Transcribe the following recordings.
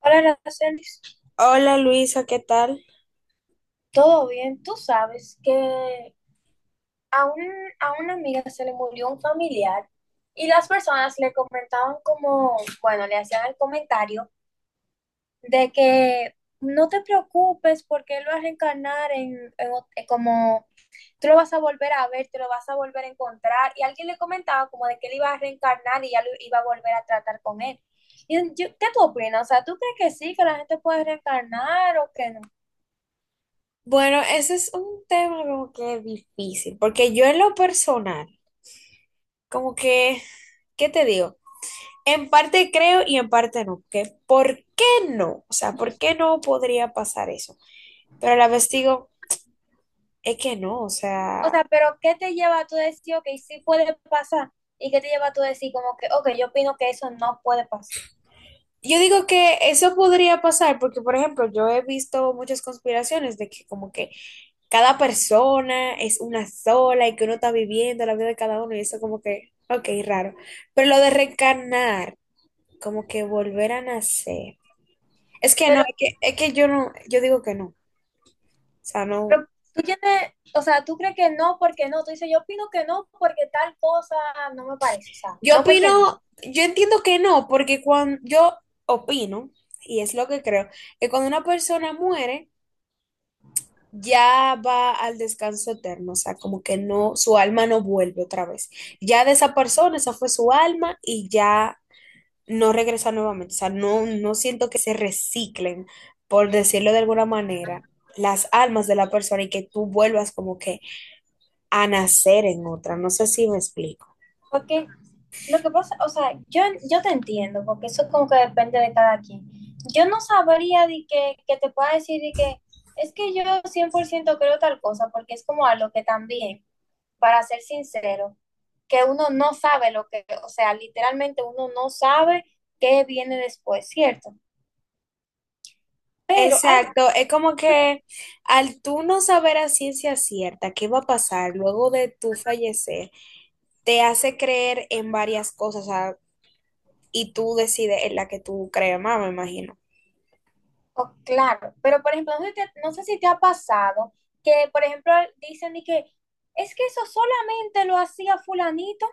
Hola, Aracelis. Hola Luisa, ¿qué tal? ¿Todo bien? Tú sabes que a, un, a una amiga se le murió un familiar y las personas le comentaban como, bueno, le hacían el comentario de que no te preocupes porque él va a reencarnar como, tú lo vas a volver a ver, te lo vas a volver a encontrar. Y alguien le comentaba como de que él iba a reencarnar y ya lo iba a volver a tratar con él. ¿Qué tú opinas? O sea, ¿tú crees que sí, que la gente puede reencarnar o que no? Bueno, ese es un tema como que difícil, porque yo en lo personal, como que, ¿qué te digo? En parte creo y en parte no, que ¿por qué no? O sea, ¿por qué no podría pasar eso? Pero a la vez digo, es que no, o O sea, sea, pero ¿qué te lleva a tú decir, ok, sí puede pasar? ¿Y qué te lleva a tú decir como que, ok, yo opino que eso no puede pasar? yo digo que eso podría pasar porque, por ejemplo, yo he visto muchas conspiraciones de que como que cada persona es una sola y que uno está viviendo la vida de cada uno y eso como que, ok, raro. Pero lo de reencarnar, como que volver a nacer. Es que no, Pero, es que yo no, yo digo que no. O sea, no. pero tú tienes, o sea, tú crees que no porque no. Tú dices, yo opino que no porque tal cosa no me parece. O sea, Yo no porque no. opino, yo entiendo que no, porque cuando yo opino, y es lo que creo, que cuando una persona muere, ya va al descanso eterno, o sea, como que no, su alma no vuelve otra vez. Ya de esa persona, esa fue su alma y ya no regresa nuevamente. O sea, no, no siento que se reciclen, por decirlo de alguna manera, las almas de la persona y que tú vuelvas como que a nacer en otra. No sé si me explico. Porque lo que pasa, o sea, yo te entiendo, porque eso como que depende de cada quien. Yo no sabría de que te pueda decir de que es que yo 100% creo tal cosa, porque es como algo que también para ser sincero, que uno no sabe lo que, o sea, literalmente uno no sabe qué viene después, ¿cierto? Pero hay, Exacto, es como que al tú no saber a ciencia cierta qué va a pasar luego de tu fallecer, te hace creer en varias cosas, o sea, y tú decides en la que tú crees más, me imagino. oh, claro, pero por ejemplo, no sé, no sé si te ha pasado que, por ejemplo, dicen de que es que eso solamente lo hacía fulanito.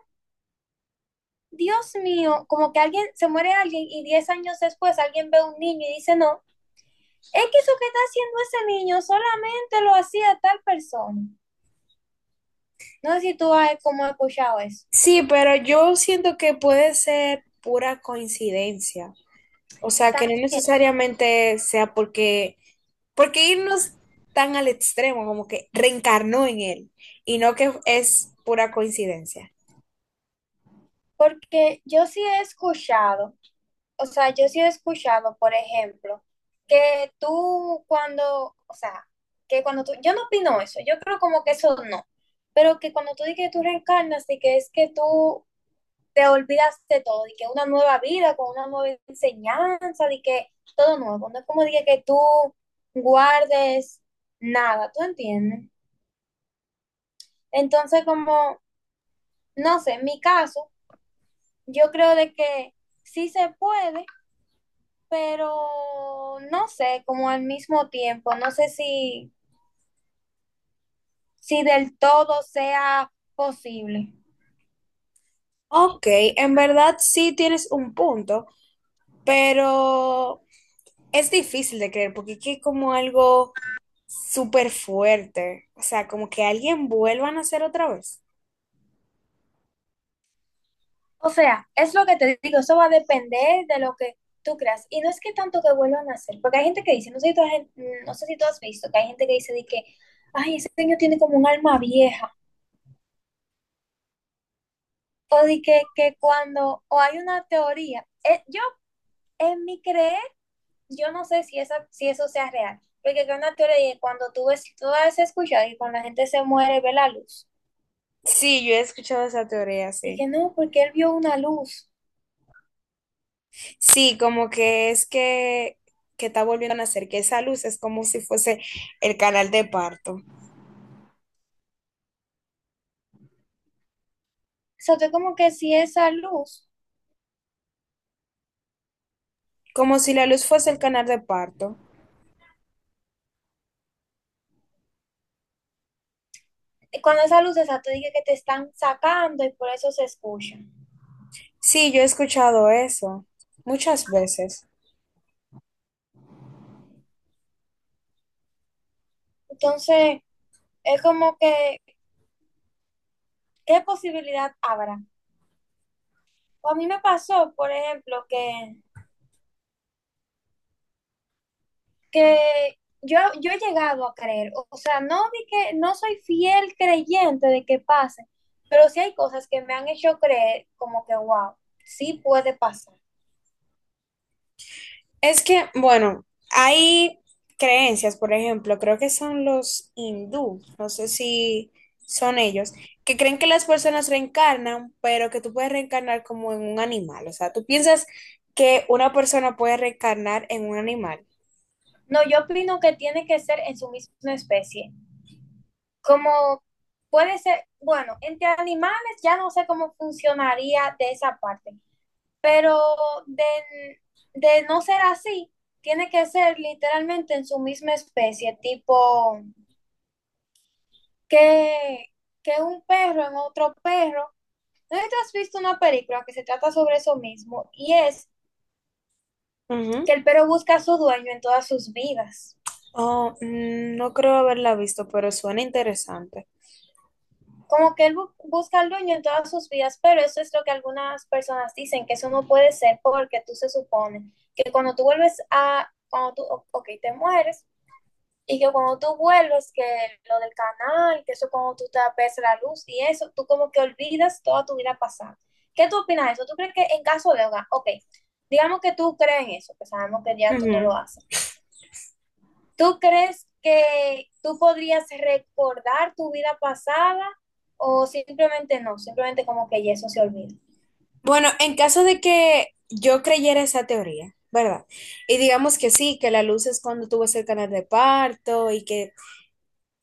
Dios mío, como que alguien se muere alguien y 10 años después alguien ve a un niño y dice, no, es que eso que está haciendo ese niño solamente lo hacía tal persona. No sé si tú has como escuchado eso. Sí, pero yo siento que puede ser pura coincidencia. O sea, que no También. necesariamente sea porque, irnos tan al extremo, como que reencarnó en él, y no que es pura coincidencia. Porque yo sí he escuchado, o sea, yo sí he escuchado, por ejemplo, que tú cuando, o sea, que cuando tú, yo no opino eso, yo creo como que eso no, pero que cuando tú dices que tú reencarnas y que es que tú te olvidas de todo, y que una nueva vida con una nueva enseñanza, y que todo nuevo, no es como dije que tú guardes nada, ¿tú entiendes? Entonces, como, no sé, en mi caso, yo creo de que sí se puede pero no sé, como al mismo tiempo, no sé si, si del todo sea posible. Ok, en verdad sí tienes un punto, pero es difícil de creer porque es que es como algo súper fuerte, o sea, como que alguien vuelva a nacer otra vez. O sea, es lo que te digo, eso va a depender de lo que tú creas. Y no es que tanto que vuelvan a hacer, porque hay gente que dice, no sé si tú has, no sé si tú has visto, que hay gente que dice de que, ay, ese niño tiene como un alma vieja, o de que cuando, o hay una teoría, yo en mi creer yo no sé si, esa, si eso sea real, porque acá en la teoría es cuando tú ves, tú has escuchado y cuando la gente se muere ve la luz. Sí, yo he escuchado esa teoría, sí. Dije, no, porque él vio una luz. Sí, como que que está volviendo a nacer, que esa luz es como si fuese el canal de parto, O sea, tú como que si esa luz, como si la luz fuese el canal de parto. cuando esa luz, esa tú dije que te están sacando y por eso se escucha. Sí, yo he escuchado eso muchas veces. Entonces, es como que, ¿qué posibilidad habrá? O a mí me pasó, por ejemplo, que yo he llegado a creer, o sea, no di que no soy fiel creyente de que pase, pero sí hay cosas que me han hecho creer como que, wow, sí puede pasar. Es que, bueno, hay creencias, por ejemplo, creo que son los hindú, no sé si son ellos, que creen que las personas reencarnan, pero que tú puedes reencarnar como en un animal. O sea, tú piensas que una persona puede reencarnar en un animal. No, yo opino que tiene que ser en su misma especie. Como puede ser, bueno, entre animales ya no sé cómo funcionaría de esa parte, pero de, de no ser así, tiene que ser literalmente en su misma especie, tipo que, que un perro en otro perro. ¿No sé si tú has visto una película que se trata sobre eso mismo? Y es Ujú. que el perro busca a su dueño en todas sus vidas. Oh, no creo haberla visto, pero suena interesante. Como que él busca al dueño en todas sus vidas, pero eso es lo que algunas personas dicen, que eso no puede ser porque tú se supone que cuando tú vuelves a, cuando tú, ok, te mueres, y que cuando tú vuelves, que lo del canal, que eso cuando tú te ves la luz y eso, tú como que olvidas toda tu vida pasada. ¿Qué tú opinas de eso? ¿Tú crees que en caso de, ok, digamos que tú crees en eso, que sabemos que ya tú no lo Ujú. haces, ¿tú crees que tú podrías recordar tu vida pasada o simplemente no? Simplemente como que ya eso se olvida. Bueno, en caso de que yo creyera esa teoría, ¿verdad? Y digamos que sí, que la luz es cuando tú vas al canal de parto y que,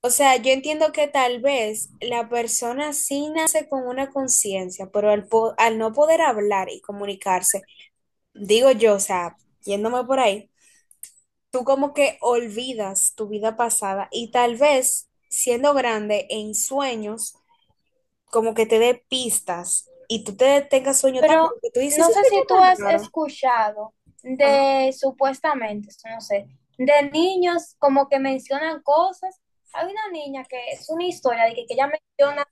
o sea, yo entiendo que tal vez la persona sí nace con una conciencia, pero al no poder hablar y comunicarse, digo yo, o sea, yéndome por ahí, tú como que olvidas tu vida pasada y tal vez siendo grande en sueños, como que te dé pistas y tú te tengas sueño tan raro Pero que tú dices, no ese sé sueño si tú tan has raro. escuchado Ajá. de supuestamente, esto no sé, de niños como que mencionan cosas. Hay una niña que es una historia de que ella menciona,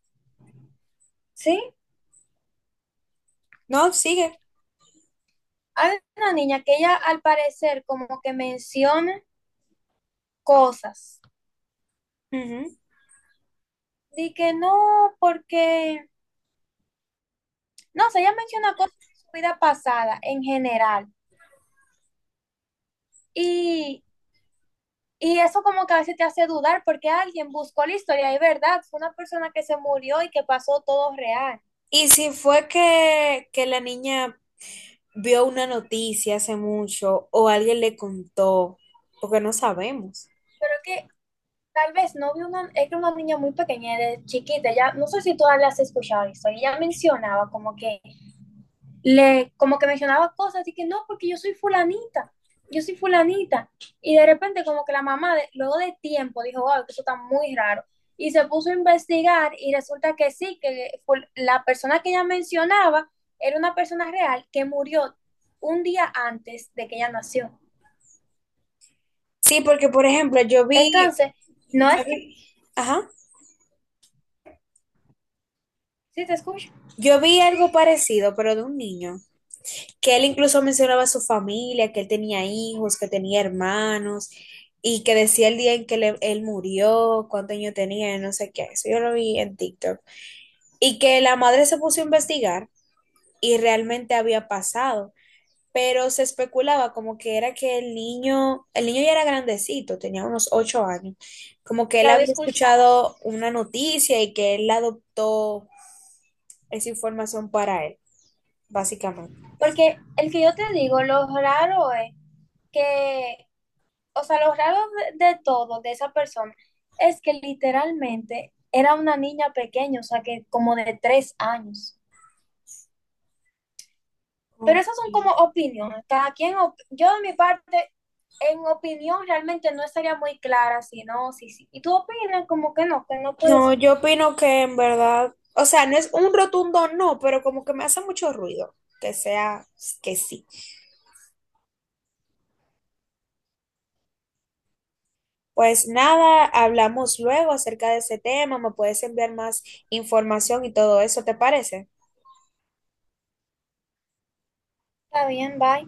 sí, No, sigue. hay una niña que ella al parecer como que menciona cosas. Ujú. De que no, porque, no sé, ella menciona cosas de su vida pasada en general. Y, y eso como que a veces te hace dudar porque alguien buscó la historia y verdad, fue una persona que se murió y que pasó todo real. Y si fue que la niña vio una noticia hace mucho o alguien le contó, porque no sabemos. Pero que tal vez no vi una, era una niña muy pequeña, de chiquita, ya, no sé si todas las has escuchado esto, y ella mencionaba como que, le, como que mencionaba cosas y que no, porque yo soy fulanita, yo soy fulanita. Y de repente como que la mamá, luego de tiempo, dijo, wow, que eso está muy raro. Y se puso a investigar y resulta que sí, que la persona que ella mencionaba era una persona real que murió un día antes de que ella nació. Sí, porque por ejemplo, Entonces, no yo es que, vi, ajá, sí te escucho, yo vi algo parecido, pero de un niño, que él incluso mencionaba a su familia, que él tenía hijos, que tenía hermanos, y que decía el día en que él murió, cuántos años tenía, no sé qué. Eso yo lo vi en TikTok. Y que la madre se puso a investigar y realmente había pasado. Pero se especulaba como que era que el niño ya era grandecito, tenía unos 8 años, como que él la había había escuchado. escuchado una noticia y que él adoptó esa información para él, básicamente. Porque el que yo te digo, lo raro es que, o sea, lo raro de todo, de esa persona, es que literalmente era una niña pequeña, o sea, que como de 3 años. Pero Ok. esas son como opiniones. Cada quien, yo de mi parte, en opinión realmente no estaría muy clara, si no, sí, sí. Y tú opinas como que no puede No, ser. yo opino que en verdad, o sea, no es un rotundo no, pero como que me hace mucho ruido que sea que sí. Pues nada, hablamos luego acerca de ese tema, me puedes enviar más información y todo eso, ¿te parece? Está bien, bye.